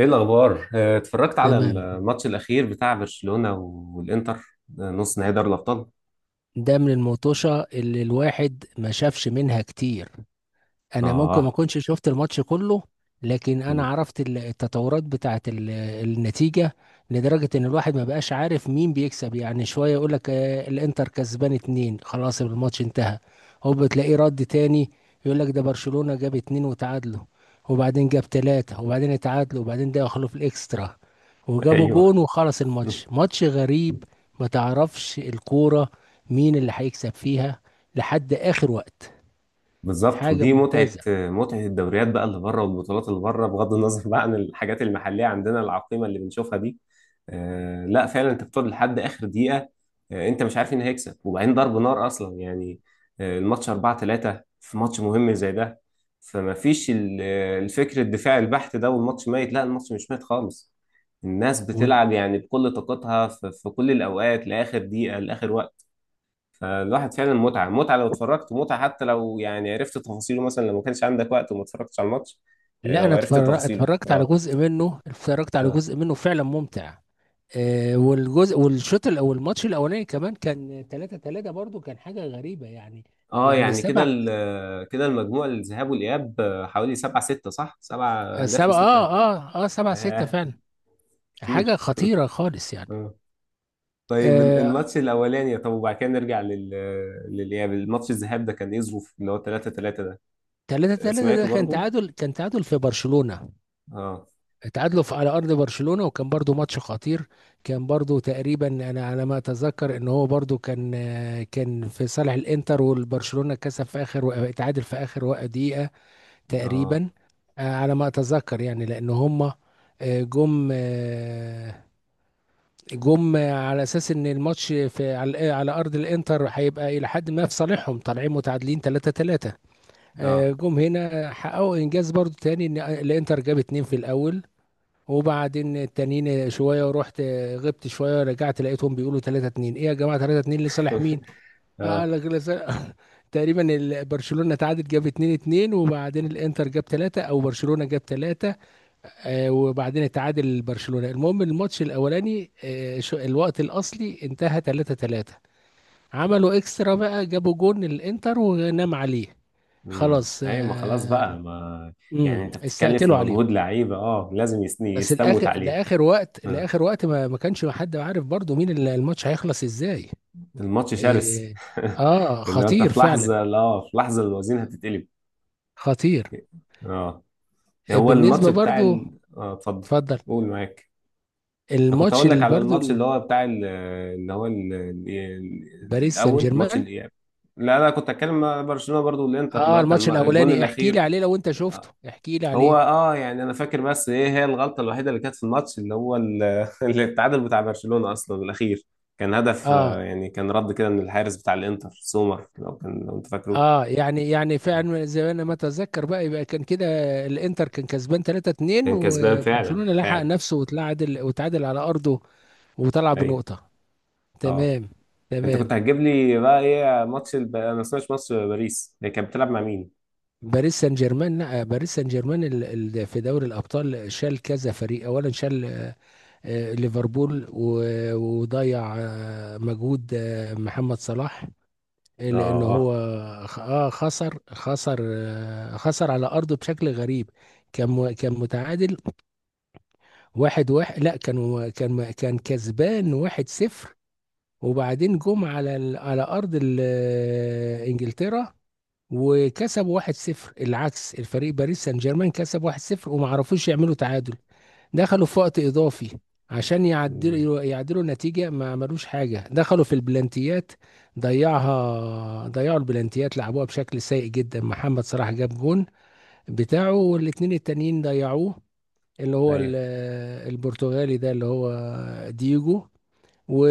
ايه الاخبار؟ اتفرجت على تمام. الماتش الاخير بتاع برشلونة والانتر. نص نهائي دوري الابطال. ده من المطوشة اللي الواحد ما شافش منها كتير. انا ممكن ما اه. اكونش شفت الماتش كله، لكن انا مم. عرفت التطورات بتاعه النتيجه، لدرجه ان الواحد ما بقاش عارف مين بيكسب. يعني شويه يقول لك الانتر كسبان اتنين، خلاص الماتش انتهى. هو بتلاقيه رد تاني يقول لك ده برشلونه جاب اتنين وتعادلوا، وبعدين جاب تلاته وبعدين اتعادلوا، وبعدين ده دخلوا في الاكسترا وجابوا ايوه، جون وخلص الماتش. ماتش غريب، ما تعرفش الكوره مين اللي هيكسب فيها لحد اخر وقت. بالظبط. حاجه ودي متعة ممتازه. متعة الدوريات بقى اللي بره والبطولات اللي بره، بغض النظر بقى عن الحاجات المحلية عندنا العقيمة اللي بنشوفها دي. آه، لا فعلا، انت بتقعد لحد آخر دقيقة. آه، انت مش عارف مين هيكسب، وبعدين ضرب نار أصلا يعني. آه، الماتش 4 3 في ماتش مهم زي ده. فما فيش الفكر الدفاعي البحت ده والماتش ميت. لا، الماتش مش ميت خالص. الناس بتلعب يعني بكل طاقتها في كل الأوقات لآخر دقيقة لآخر وقت. فالواحد فعلا متعة متعة لو اتفرجت، ومتعة حتى لو يعني عرفت تفاصيله، مثلا لو ما كانش عندك وقت وما اتفرجتش على الماتش. آه، لا، لو انا عرفت تفاصيله. اتفرجت على اه. جزء منه، اه. فعلا ممتع. والماتش الاولاني كمان كان 3-3 برضو، كان حاجه غريبه يعني. اه، يعني يعني سبع كده المجموع الذهاب والإياب، حوالي سبعة ستة، صح؟ سبعة أهداف سبع لستة اه أهداف. اه اه 7-6 آه، فعلا. حاجه كتير. خطيره خالص يعني. اه. طيب، آه الماتش الأولاني. طب وبعد كده نرجع لل للإياب. الماتش الذهاب ده كان إيه ظروف اللي هو 3 3 ده؟ 3 آه، 3 ده سمعته كان برضو؟ تعادل كان تعادل في برشلونه. اه. اتعادلوا على ارض برشلونة، وكان برضو ماتش خطير. كان برضو تقريبا، انا على ما اتذكر ان هو برضو كان في صالح الانتر، والبرشلونة كسب في اخر اتعادل في دقيقة اه. تقريبا. على ما اتذكر يعني لان هما آه، جم آه، جم على اساس ان الماتش في على ارض الانتر هيبقى الى حد ما في صالحهم، طالعين متعادلين 3-3. اه. جم هنا حققوا انجاز برضو تاني، ان الانتر جاب اتنين في الاول، وبعدين التانيين شويه، ورحت غبت شويه، رجعت لقيتهم بيقولوا 3-2. ايه يا جماعه، 3-2 لصالح مين؟ اه، اه. تقريبا برشلونه تعادل جاب 2-2، وبعدين الانتر جاب 3 او برشلونه جاب 3. وبعدين اتعادل برشلونه. المهم الماتش الاولاني، الوقت الاصلي انتهى 3-3. عملوا اكسترا بقى، جابوا جون الانتر ونام عليه. امم، خلاص. ايوه، ما خلاص آه. بقى ما. يعني انت بتتكلم في استقتلوا عليه. مجهود لعيبه، اه لازم بس يستموت الاخر عليه. لاخر وقت آه. لاخر وقت، ما كانش حد عارف برضو مين الماتش هيخلص ازاي. الماتش شرس. إيه. اه، اللي هو انت خطير في فعلا. لحظه، لا، في لحظه الوزين هتتقلب. خطير. اه. يعني هو الماتش بالنسبه بتاع برضو، ال... اه، اتفضل. اتفضل. قول معاك. انا كنت الماتش اقول لك اللي على برضو الماتش اللي ال- هو بتاع ال... اللي هو ال... ال... باريس سان الاول، ماتش جيرمان. الاياب. لا لا، كنت اتكلم مع برشلونه برضو والانتر، اللي اه، هو الماتش كان الجون الاولاني احكي لي الاخير. عليه لو انت شفته، احكي لي هو عليه. اه، يعني انا فاكر، بس ايه هي الغلطه الوحيده اللي كانت في الماتش اللي هو اللي التعادل بتاع برشلونه اصلا الاخير. كان هدف، اه يعني كان رد كده من الحارس بتاع الانتر سومر، لو كان لو انت فاكره. اه يعني فعلا زي ما انا ما اتذكر بقى، يبقى كان كده. الانتر كان كسبان 3-2، كان كسبان فعلا وبرشلونة لحق فعلا. نفسه، وتعادل على ارضه وطلع ايوه. بنقطة. اه. تمام. انت تمام. كنت هتجيب لي بقى ايه ماتش الب... انا ما سمعتش ماتش باريس هي كانت بتلعب مع مين؟ باريس سان جيرمان، لا، باريس سان جيرمان في دوري الابطال شال كذا فريق. اولا شال، ليفربول، وضيع مجهود محمد صلاح. اه. لان هو اه. خسر على ارضه بشكل غريب. كان متعادل 1-1. لا، كان كسبان 1-0. وبعدين جم على على ارض انجلترا وكسبوا 1-0. العكس، الفريق باريس سان جيرمان كسب 1-0 وما عرفوش يعملوا تعادل. دخلوا في وقت اضافي عشان مم. يعدلوا النتيجة، ما عملوش حاجة. دخلوا في البلانتيات، ضيعوا البلانتيات، لعبوها بشكل سيء جدا. محمد صلاح جاب جون بتاعه، والاتنين التانيين ضيعوه، اللي هو ايوه البرتغالي ده، اللي هو ديجو.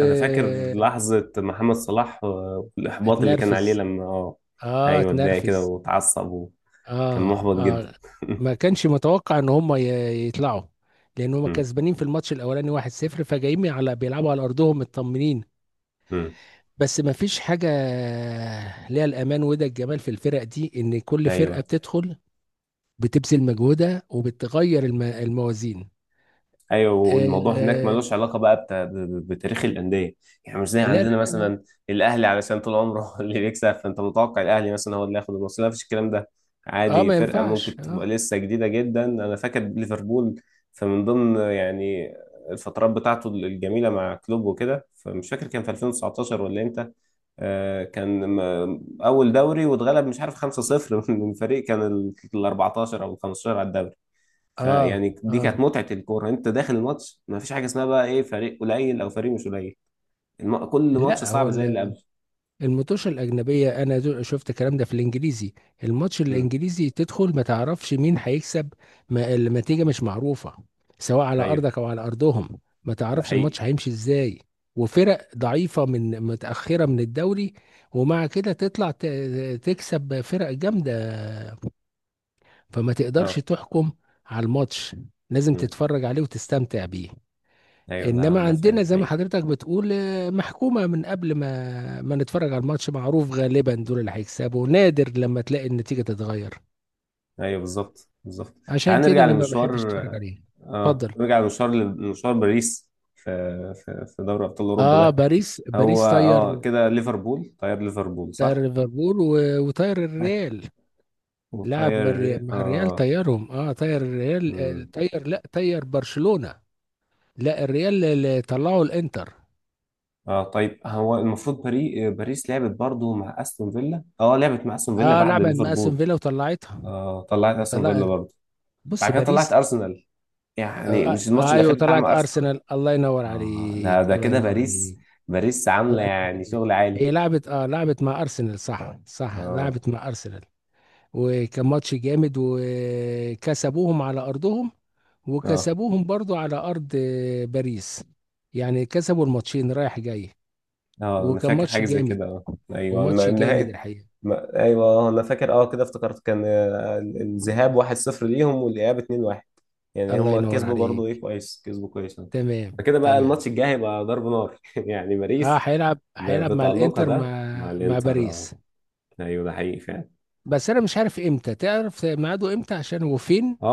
انا فاكر لحظه محمد صلاح، والاحباط اللي كان عليه لما اه. اه، ايوه، اتضايق كده اتنرفز. واتعصب، وكان آه. محبط جدا. اه. ما كانش متوقع ان هم يطلعوا، لان هم مم. كسبانين في الماتش الاولاني 1-0، فجايين على بيلعبوا على ارضهم مطمنين. مم. بس ما فيش حاجه ليها الامان، وده الجمال في الفرق دي، ان كل فرقه ايوه. بتدخل بتبذل مجهودها وبتغير الموازين. ايوه، آه. والموضوع هناك آه، ملوش علاقه بقى بتا... ب... بتاريخ الانديه. يعني مش زي لا لا عندنا لا لا. مثلا، الاهلي علشان طول عمره هو اللي بيكسب، فانت متوقع الاهلي مثلا هو اللي ياخد الماتش. لا، مفيش الكلام ده. اه، عادي ما فرقه ينفعش. ممكن تبقى اه. لسه جديده جدا. انا فاكر ليفربول فمن ضمن يعني الفترات بتاعته الجميله مع كلوب وكده، فمش فاكر كان في 2019 ولا امتى، كان اول دوري واتغلب مش عارف 5-0 من فريق كان ال 14 او ال 15 على الدوري. اه، فيعني دي اه. كانت متعة الكورة، انت داخل الماتش ما فيش حاجة اسمها بقى ايه فريق قليل او فريق مش قليل. الم... كل ماتش لا، هو صعب زي اللي قبله. الماتش الأجنبية، أنا شفت الكلام ده في الإنجليزي. الماتش امم. الإنجليزي تدخل ما تعرفش مين هيكسب. ما النتيجة مش معروفة، سواء على ايوه، أرضك أو على أرضهم. ما ده تعرفش حقيقي. الماتش هيمشي إزاي. وفرق ضعيفة، متأخرة من الدوري، ومع كده تطلع تكسب فرق جامدة، فما تقدرش اه. تحكم على الماتش، لازم امم. تتفرج عليه وتستمتع بيه. ايوه، ده انما ده عندنا فعلا زي ما حقيقي. حضرتك بتقول محكومه من قبل ما نتفرج على الماتش. معروف غالبا دول اللي هيكسبوا، نادر لما تلاقي النتيجه تتغير. ايوه بالظبط بالظبط. عشان تعال كده نرجع انا ما لمشوار. بحبش اتفرج عليه. اه، اتفضل. نرجع لمشوار، لمشوار باريس في في في دوري ابطال اوروبا اه، ده. هو باريس طير. اه كده ليفربول طيار ليفربول، طير صح؟ ليفربول، وطير بعد- الريال. لعب مع وطير مع الريال اه. طيرهم. اه، طير الريال. مم. طير برشلونه. لا، الريال اللي طلعوا الانتر. اه، طيب هو المفروض باري... باريس لعبت برضو مع استون فيلا، اه لعبت مع استون فيلا اه، بعد لعبت مع استون ليفربول. فيلا وطلعتها. اه طلعت استون فيلا طلع. برضو. بص، بعد كده طلعت باريس. ارسنال، يعني مش الماتش ايوه، الاخير بتاع طلعت مع ارسنال. ارسنال. الله ينور اه، ده عليك. ده الله كده ينور باريس، عليك. باريس عامله الله ينور يعني عليك. شغل عالي. هي لعبت، لعبت مع ارسنال. صح، صح، اه. لعبت مع ارسنال، وكان ماتش جامد وكسبوهم على ارضهم، اه. وكسبوهم برضو على ارض باريس. يعني كسبوا الماتشين رايح جاي، اه، انا وكان فاكر ماتش حاجه زي جامد. كده، اه. ايوه وماتش جامد نهايه. الحقيقة. ما... ايوه انا فاكر، اه كده افتكرت كان، الذهاب 1-0 ليهم والاياب 2-1، يعني الله هم ينور كسبوا برضه، عليك. ايه، كويس، كسبوا كويس أهو. تمام، فكده بقى تمام. الماتش الجاي هيبقى ضرب نار، يعني اه، باريس هيلعب مع بتألقها الانتر، ده مع مع الانتر، اه. باريس. ايوه، ده حقيقي فعلا. بس انا مش عارف امتى، تعرف ميعاده امتى عشان هو فين؟ اه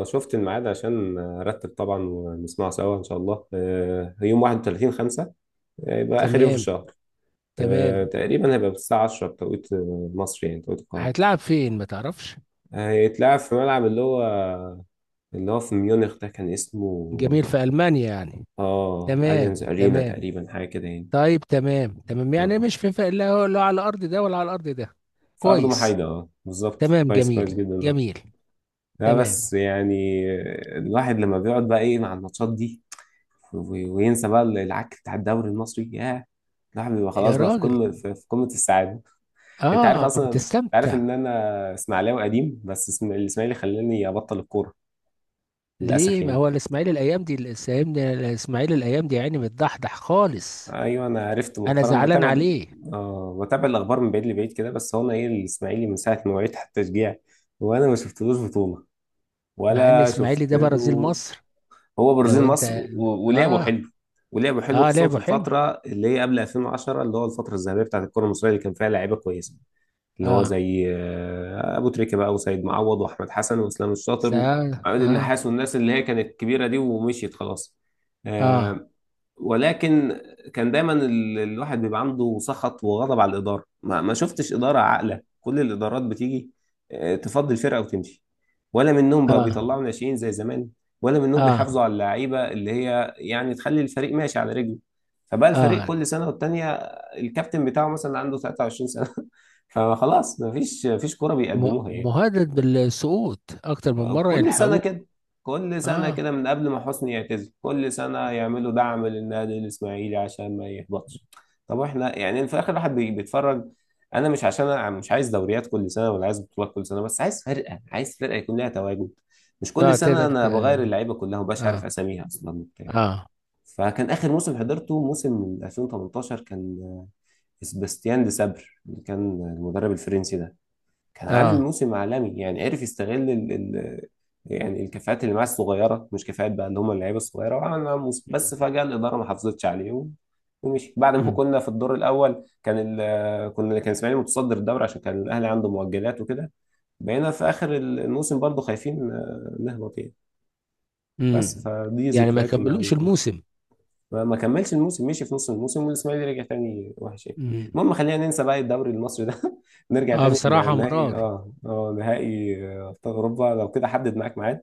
اه، شفت الميعاد عشان ارتب طبعا ونسمعه سوا ان شاء الله. آه، يوم 31 5، يبقى اخر يوم في تمام، الشهر. آه تمام. تقريبا هيبقى الساعة 10 بتوقيت مصر، يعني توقيت القاهرة. هيتلعب فين ما تعرفش. هيتلعب في ملعب اللي هو اللي هو في ميونخ، ده كان اسمه جميل، في المانيا يعني. اه تمام، اليانز ارينا تمام. تقريبا، حاجة كده يعني. طيب، تمام تمام، يعني آه. مش في فرق، لا لا على الارض ده ولا على الارض ده. في أرض كويس. محايدة، اه بالظبط، تمام، كويس كويس جميل، جدا ده. جميل. لا تمام. بس يعني الواحد لما بيقعد بقى ايه مع الماتشات دي، وينسى بقى العك بتاع الدوري المصري، ياه، الواحد بيبقى يا خلاص بقى في راجل. قمة في قمة السعادة. انت عارف اه، اصلا، انت عارف بتستمتع. ان انا اسماعيلاوي قديم، بس الاسماعيلي خلاني ابطل الكورة للأسف ليه، ما يعني. هو الاسماعيلي الايام دي، الإسماعيلي الايام دي يعني متضحضح خالص. ايوه، انا عرفت انا مؤخرا زعلان بتابع عليه. اه بتابع الاخبار من بعيد لبعيد كده، بس هو انا ايه، الاسماعيلي من ساعة ما وعيت حتى تشجيع، وانا ما شفتلوش بطولة مع ان ولا اسماعيلي شفت ده برازيل له. مصر. هو برازيل لو انت. مصر، ولعبوا اه، حلو، ولعبوا حلو اه، خصوصا في لعبه حلو. الفترة اللي هي قبل 2010، اللي هو الفترة الذهبية بتاعت الكرة المصرية اللي كان فيها لعيبة كويسة، اللي هو اه، زي أبو تريكة بقى وسيد معوض وأحمد حسن وإسلام الشاطر سأل، وعماد اه. النحاس، والناس اللي هي كانت كبيرة دي ومشيت خلاص. اه، آه، ولكن كان دايما الواحد بيبقى عنده سخط وغضب على الإدارة، ما شفتش إدارة عاقلة، كل الإدارات بتيجي، تفضي الفرقة وتمشي، ولا منهم بقى اه، بيطلعوا ناشئين زي زمان، ولا منهم اه، بيحافظوا على اللعيبة اللي هي يعني تخلي الفريق ماشي على رجله. فبقى الفريق اه. كل سنة والتانية، الكابتن بتاعه مثلا عنده 23 سنة. فخلاص، مفيش كورة بيقدموها يعني. مهدد بالسقوط اكتر من مره، كل سنة يلحقوه. كده، كل سنة اه، كده من قبل ما حسني يعتزل، كل سنة يعملوا دعم للنادي الإسماعيلي عشان ما يهبطش. طب احنا يعني في الآخر الواحد بيتفرج. أنا مش عشان، أنا مش عايز دوريات كل سنة ولا عايز بطولات كل سنة، بس عايز فرقة، عايز فرقة يكون لها تواجد. مش كل اه، سنة تقدر. أنا بغير اللعيبة كلها ومبقاش عارف اه، أساميها أصلا وبتاع. اه، فكان آخر موسم حضرته موسم من 2018، كان سباستيان دي سابر اللي كان المدرب الفرنسي ده، كان عامل اه. موسم عالمي، يعني عرف يستغل ال يعني الكفاءات اللي معاه الصغيره، مش كفاءات بقى اللي هم اللعيبه الصغيره، وعمل معاهم موسم. بس مم. فجاه الاداره ما حافظتش عليه ومشي، بعد ما مم. كنا في الدور الاول، كان ال كنا، كان اسماعيلي متصدر الدوري عشان كان الاهلي عنده مؤجلات وكده. بقينا في اخر الموسم برضه خايفين نهبط يعني. بس مم. فدي يعني ما ذكرياتي مع كملوش الكوره. الموسم. ما كملش الموسم، مشي في نص الموسم والاسماعيلي رجع تاني وحش يعني. مم. المهم، خلينا ننسى بقى الدوري المصري ده. نرجع اه، تاني بصراحه لنهائي، مرار. اه اه نهائي، ابطال اوروبا. لو كده حدد معاك ميعاد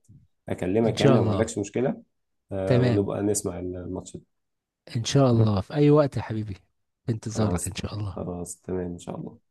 ان اكلمك يعني، شاء لو ما الله. عندكش مشكلة. آه، تمام، ونبقى نسمع الماتش ده. ان شاء الله، في اي وقت يا حبيبي. في انتظارك ان خلاص، شاء الله. خلاص تمام ان شاء الله.